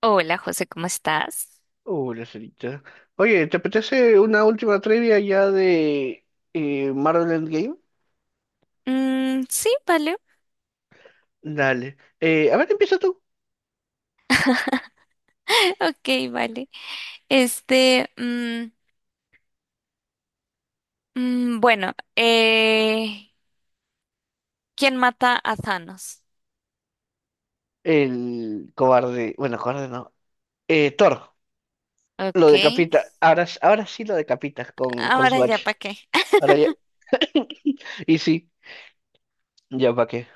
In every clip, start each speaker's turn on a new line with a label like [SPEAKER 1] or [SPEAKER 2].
[SPEAKER 1] Hola, José, ¿cómo estás?
[SPEAKER 2] Hola la cerita. Oye, ¿te apetece una última trivia ya de Marvel Endgame?
[SPEAKER 1] Sí, vale.
[SPEAKER 2] Dale. A ver, empieza tú.
[SPEAKER 1] Ok, vale. Este, mm, mm, bueno, eh, ¿Quién mata a Thanos?
[SPEAKER 2] El cobarde. Bueno, cobarde no. Thor lo
[SPEAKER 1] Ok.
[SPEAKER 2] decapita. Ahora, ahora sí lo decapitas con
[SPEAKER 1] Ahora
[SPEAKER 2] su
[SPEAKER 1] ya,
[SPEAKER 2] hacha.
[SPEAKER 1] ¿para qué?
[SPEAKER 2] Ahora ya. Y sí, ya para qué.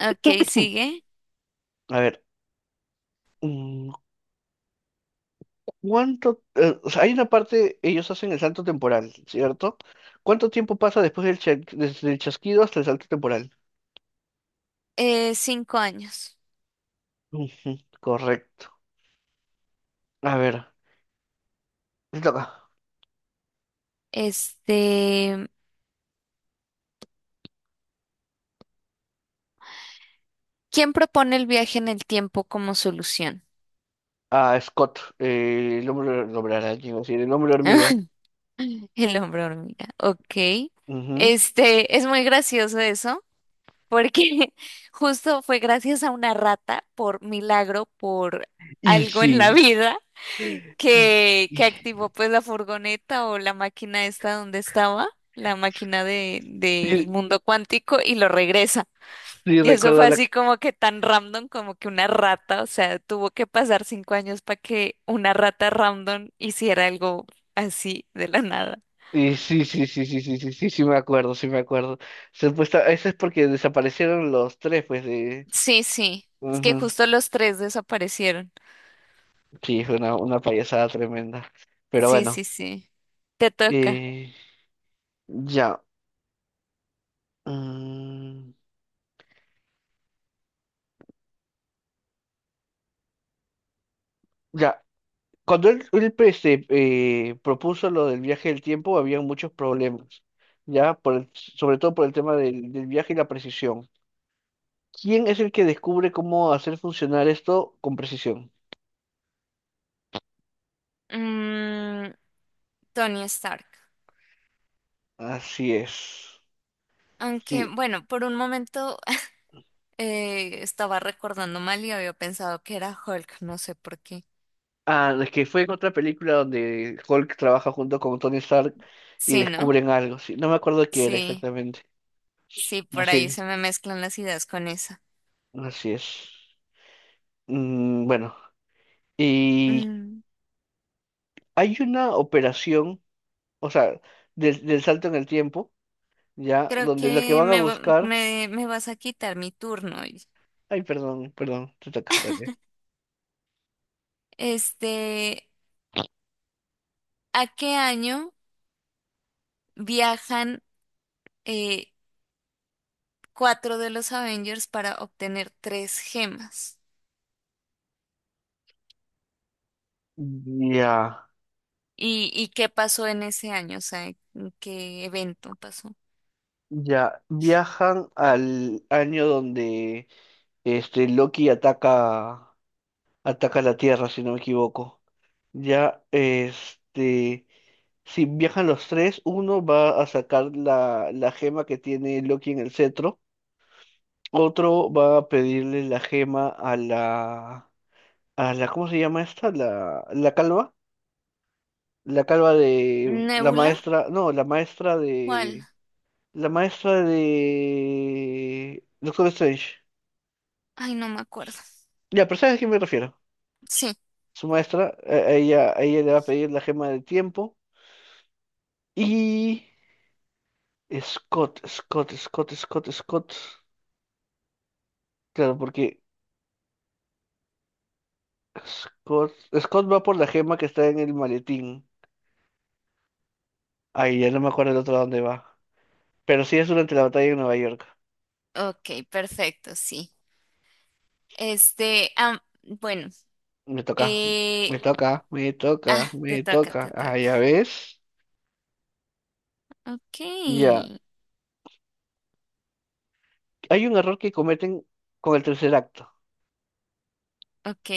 [SPEAKER 1] Ok, sigue.
[SPEAKER 2] A ver. mm, ¿Cuánto? O sea, hay una parte, ellos hacen el salto temporal, ¿cierto? ¿Cuánto tiempo pasa después desde el chasquido hasta el salto temporal?
[SPEAKER 1] 5 años.
[SPEAKER 2] Ujú, correcto. A ver, te toca.
[SPEAKER 1] Este, ¿quién propone el viaje en el tiempo como solución?
[SPEAKER 2] A Scott, el hombre el hombre araña, iba a decir, el hombre hormiga.
[SPEAKER 1] El hombre hormiga. Ok.
[SPEAKER 2] Ujú.
[SPEAKER 1] Este, es muy gracioso eso, porque justo fue gracias a una rata, por milagro, por
[SPEAKER 2] Y
[SPEAKER 1] algo en la
[SPEAKER 2] sí,
[SPEAKER 1] vida,
[SPEAKER 2] y-
[SPEAKER 1] que
[SPEAKER 2] y-
[SPEAKER 1] activó pues la furgoneta o la máquina esta donde estaba, la máquina del
[SPEAKER 2] sí,
[SPEAKER 1] mundo cuántico y lo regresa.
[SPEAKER 2] sí,
[SPEAKER 1] Y eso
[SPEAKER 2] recuerdo
[SPEAKER 1] fue
[SPEAKER 2] la...
[SPEAKER 1] así como que tan random como que una rata, o sea, tuvo que pasar 5 años para que una rata random hiciera algo así de la nada.
[SPEAKER 2] Y sí, sí, sí, sí, sí, sí, sí, sí, me acuerdo, sí me acuerdo. Supuesta, eso es porque desaparecieron los tres, pues, de...
[SPEAKER 1] Sí, sí, es que
[SPEAKER 2] Ujú.
[SPEAKER 1] justo los tres desaparecieron.
[SPEAKER 2] Sí, fue una, payasada tremenda. Pero
[SPEAKER 1] Sí,
[SPEAKER 2] bueno,
[SPEAKER 1] sí, sí. Te toca.
[SPEAKER 2] eh, ya. mm, ya, cuando él, pues, se, propuso lo del viaje del tiempo, había muchos problemas, ya, sobre todo por el tema del viaje y la precisión. ¿Quién es el que descubre cómo hacer funcionar esto con precisión?
[SPEAKER 1] Mm, Tony Stark.
[SPEAKER 2] Así es.
[SPEAKER 1] Aunque,
[SPEAKER 2] Sí.
[SPEAKER 1] bueno, por un momento estaba recordando mal y había pensado que era Hulk, no sé por qué.
[SPEAKER 2] Ah, es que fue en otra película donde Hulk trabaja junto con Tony Stark y
[SPEAKER 1] Sí, ¿no?
[SPEAKER 2] descubren algo. Sí, no me acuerdo qué era
[SPEAKER 1] Sí,
[SPEAKER 2] exactamente.
[SPEAKER 1] sí, por
[SPEAKER 2] Así,
[SPEAKER 1] ahí se me mezclan las ideas con esa.
[SPEAKER 2] así es. Bueno, y
[SPEAKER 1] Mm,
[SPEAKER 2] hay una operación, o sea, del salto en el tiempo. Ya,
[SPEAKER 1] Creo
[SPEAKER 2] donde lo que
[SPEAKER 1] que
[SPEAKER 2] van a buscar,
[SPEAKER 1] me vas a quitar mi turno hoy.
[SPEAKER 2] ay, perdón, perdón, te toca dale.
[SPEAKER 1] Este, ¿a qué año viajan eh, cuatro de los Avengers para obtener tres gemas?
[SPEAKER 2] Ya,
[SPEAKER 1] Y qué pasó en ese año? O sea, ¿en ¿qué evento pasó?
[SPEAKER 2] ya, viajan al año donde este Loki ataca, la Tierra, si no me equivoco. Ya, este, si viajan los tres, uno va a sacar la, gema que tiene Loki en el cetro, otro va a pedirle la gema a la, ¿cómo se llama esta? La calva. La calva de la
[SPEAKER 1] ¿Nébula?
[SPEAKER 2] maestra, no,
[SPEAKER 1] ¿Cuál?
[SPEAKER 2] la maestra de Doctor Strange.
[SPEAKER 1] Ay, no me acuerdo.
[SPEAKER 2] Ya, pero ¿sabes a quién me refiero?
[SPEAKER 1] Sí,
[SPEAKER 2] Su maestra, a ella, le va a pedir la gema del tiempo y Scott, Scott, Scott, Scott, Scott. Claro, porque Scott, Scott va por la gema que está en el maletín. Ay, ya no me acuerdo el otro dónde va. Pero sí es durante la batalla en Nueva York.
[SPEAKER 1] ok, perfecto, sí. Este, ah, bueno,
[SPEAKER 2] Me toca,
[SPEAKER 1] eh,
[SPEAKER 2] me toca, me toca,
[SPEAKER 1] ah, te
[SPEAKER 2] me
[SPEAKER 1] toca,
[SPEAKER 2] toca.
[SPEAKER 1] te
[SPEAKER 2] Ah,
[SPEAKER 1] toca.
[SPEAKER 2] ya ves.
[SPEAKER 1] Ok,
[SPEAKER 2] Ya, hay un error que cometen con el tercer acto,
[SPEAKER 1] ok,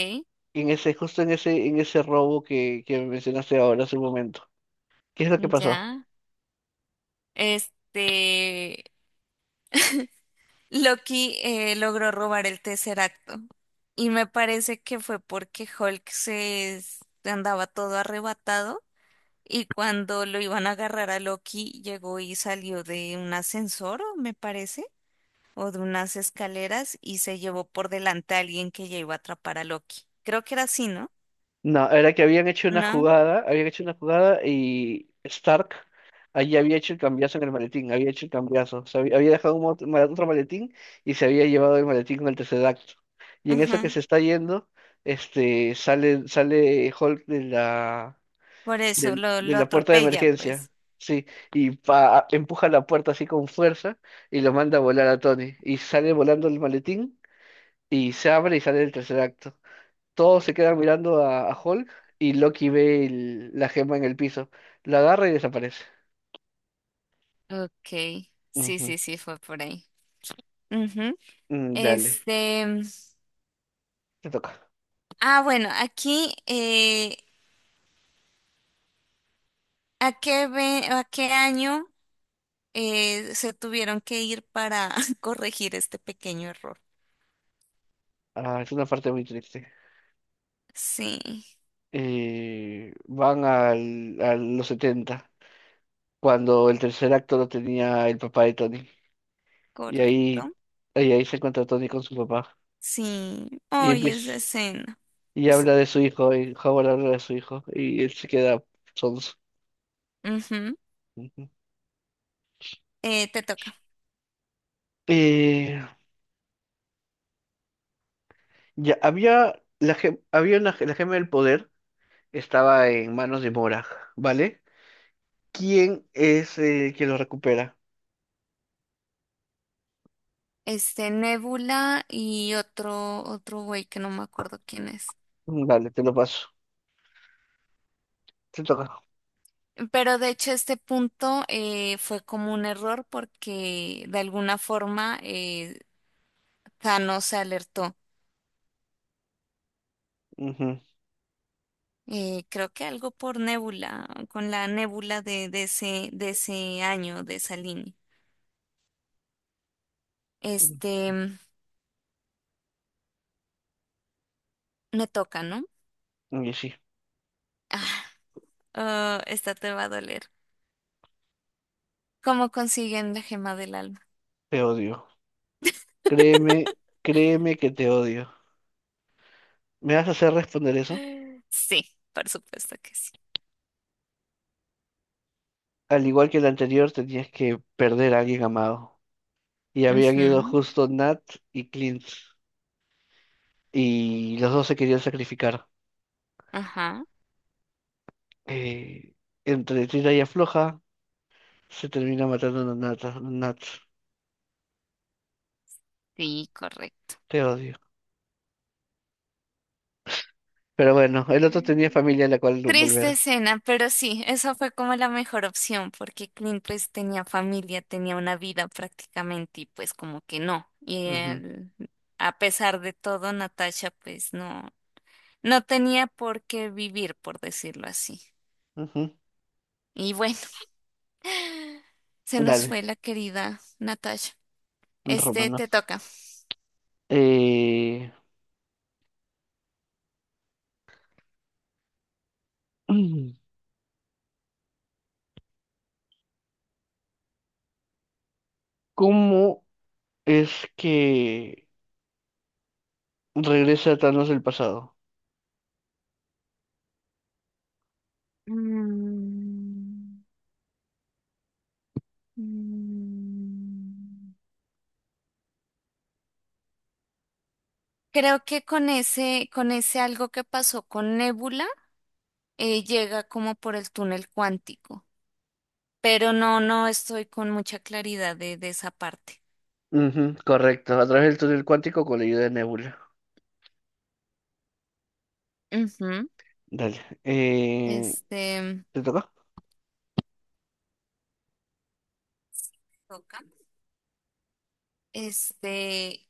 [SPEAKER 2] justo en ese robo que mencionaste ahora hace un momento. ¿Qué es lo que pasó?
[SPEAKER 1] ya. Este, Loki logró robar el tercer, y me parece que fue porque Hulk andaba todo arrebatado. Y cuando lo iban a agarrar a Loki, llegó y salió de un ascensor, o me parece, o de unas escaleras y se llevó por delante a alguien que ya iba a atrapar a Loki. Creo que era así, ¿no?
[SPEAKER 2] No, era que habían hecho una
[SPEAKER 1] No,
[SPEAKER 2] jugada, habían hecho una jugada y Stark allí había hecho el cambiazo en el maletín, había hecho el cambiazo, o sea, había dejado otro maletín y se había llevado el maletín con el tercer acto. Y en eso que
[SPEAKER 1] ajá.
[SPEAKER 2] se está yendo, este, sale Hulk
[SPEAKER 1] Por eso
[SPEAKER 2] de
[SPEAKER 1] lo
[SPEAKER 2] la puerta de
[SPEAKER 1] atropella,
[SPEAKER 2] emergencia.
[SPEAKER 1] pues.
[SPEAKER 2] Sí, y empuja la puerta así con fuerza y lo manda a volar a Tony. Y sale volando el maletín y se abre y sale el tercer acto. Todos se quedan mirando a Hulk y Loki ve la gema en el piso. La agarra y desaparece.
[SPEAKER 1] Ok, sí,
[SPEAKER 2] Ujú.
[SPEAKER 1] sí, sí, fue por ahí. Ujú.
[SPEAKER 2] Dale,
[SPEAKER 1] Este,
[SPEAKER 2] te toca.
[SPEAKER 1] ah, bueno, aquí, ¿a qué año se tuvieron que ir para corregir este pequeño error?
[SPEAKER 2] Ah, es una parte muy triste.
[SPEAKER 1] Sí.
[SPEAKER 2] Van a los 70 cuando el tercer acto lo tenía el papá de Tony. Y
[SPEAKER 1] Correcto.
[SPEAKER 2] ahí, y ahí, se encuentra Tony con su papá.
[SPEAKER 1] Sí.
[SPEAKER 2] Y,
[SPEAKER 1] Ay,
[SPEAKER 2] empie-
[SPEAKER 1] esa escena.
[SPEAKER 2] y habla de su hijo, y Howard habla de su hijo, y él se queda sonso.
[SPEAKER 1] Ujú.
[SPEAKER 2] Ujú.
[SPEAKER 1] Te toca.
[SPEAKER 2] Eh, ya, había, la, gem- había una, ge- la gema del poder estaba en manos de Morag, ¿vale? ¿Quién es quien lo recupera?
[SPEAKER 1] Este, Nebula y otro, otro güey que no me acuerdo quién es.
[SPEAKER 2] Dale, te lo paso. Te toca.
[SPEAKER 1] Pero de hecho este punto fue como un error porque de alguna forma Thanos se alertó.
[SPEAKER 2] Ujú.
[SPEAKER 1] Creo que algo por Nebula, con la Nebula de ese año, de esa línea. Este, me toca, ¿no?
[SPEAKER 2] Y sí,
[SPEAKER 1] Ah, oh, esta te va a doler. ¿Cómo consiguen la gema del alma?
[SPEAKER 2] te odio. Créeme, créeme que te odio. ¿Me vas a hacer responder eso?
[SPEAKER 1] Sí, por supuesto que sí.
[SPEAKER 2] Al igual que el anterior, tenías que perder a alguien amado. Y habían ido
[SPEAKER 1] Ujú.
[SPEAKER 2] justo Nat y Clint, y los dos se querían sacrificar.
[SPEAKER 1] Ajá,
[SPEAKER 2] Eh, Entre tira y afloja, se termina matando a Nat, Nat.
[SPEAKER 1] sí, correcto.
[SPEAKER 2] Te odio. Pero bueno, el otro tenía familia a la cual no
[SPEAKER 1] Triste
[SPEAKER 2] volver.
[SPEAKER 1] escena, pero sí, esa fue como la mejor opción porque Clint pues tenía familia, tenía una vida prácticamente y pues como que no. Y
[SPEAKER 2] Ujú,
[SPEAKER 1] él, a pesar de todo, Natasha pues no, no tenía por qué vivir, por decirlo así.
[SPEAKER 2] ujú.
[SPEAKER 1] Y bueno, se nos
[SPEAKER 2] Dale,
[SPEAKER 1] fue la querida Natasha. Este
[SPEAKER 2] Romano.
[SPEAKER 1] te toca.
[SPEAKER 2] Eh, ¿Cómo es que regresa Thanos del pasado?
[SPEAKER 1] Mm. Mm, Creo que con ese algo que pasó con Nebula, llega como por el túnel cuántico, pero no, no estoy con mucha claridad de esa parte.
[SPEAKER 2] Ujú, correcto, a través del túnel cuántico con la ayuda de Nebula.
[SPEAKER 1] Ujú.
[SPEAKER 2] Dale.
[SPEAKER 1] Este,
[SPEAKER 2] ¿Te toca?
[SPEAKER 1] toca. Este,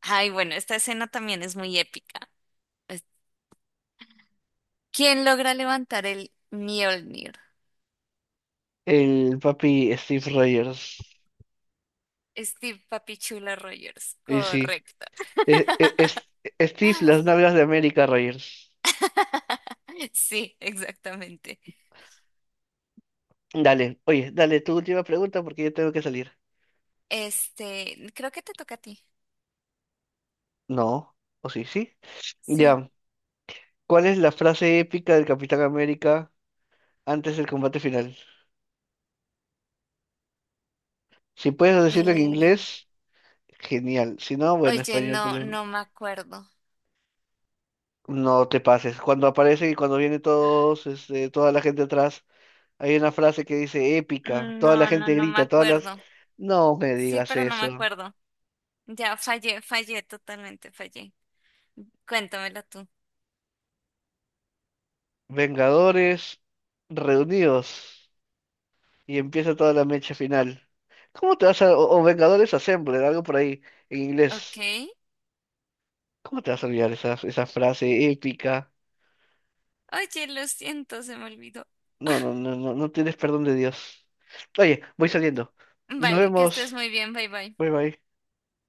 [SPEAKER 1] ay, bueno, esta escena también es muy épica. Es- ¿quién logra levantar el Mjolnir?
[SPEAKER 2] El papi Steve Rogers.
[SPEAKER 1] Steve Papichula Rogers,
[SPEAKER 2] Y sí,
[SPEAKER 1] correcto.
[SPEAKER 2] Eh, eh, es- Steve, las nalgas de América, Roger.
[SPEAKER 1] Sí, exactamente.
[SPEAKER 2] Dale, oye, dale tu última pregunta porque yo tengo que salir.
[SPEAKER 1] Este, creo que te toca a ti.
[SPEAKER 2] No, o sí, sí.
[SPEAKER 1] Sí.
[SPEAKER 2] Ya, ¿cuál es la frase épica del Capitán América antes del combate final? Si puedes decirlo en
[SPEAKER 1] Eh,
[SPEAKER 2] inglés, genial. Si no, bueno,
[SPEAKER 1] oye,
[SPEAKER 2] español
[SPEAKER 1] no, no me acuerdo.
[SPEAKER 2] no te pases. Cuando aparece y cuando viene todos, este, toda la gente atrás, hay una frase que dice épica. Toda la
[SPEAKER 1] No, no,
[SPEAKER 2] gente
[SPEAKER 1] no me
[SPEAKER 2] grita, todas las...
[SPEAKER 1] acuerdo.
[SPEAKER 2] No me
[SPEAKER 1] Sí,
[SPEAKER 2] digas
[SPEAKER 1] pero no me
[SPEAKER 2] eso.
[SPEAKER 1] acuerdo. Ya fallé, fallé, totalmente fallé. Cuéntamela tú.
[SPEAKER 2] Vengadores reunidos y empieza toda la mecha final. ¿Cómo te vas a... o Vengadores Assembled, algo por ahí en inglés.
[SPEAKER 1] Ok.
[SPEAKER 2] ¿Cómo te vas a olvidar esa frase épica?
[SPEAKER 1] Oye, lo siento, se me olvidó.
[SPEAKER 2] No, no, no, no, no tienes perdón de Dios. Oye, voy saliendo. Nos
[SPEAKER 1] Vale, que estés
[SPEAKER 2] vemos.
[SPEAKER 1] muy bien, bye bye.
[SPEAKER 2] Bye bye.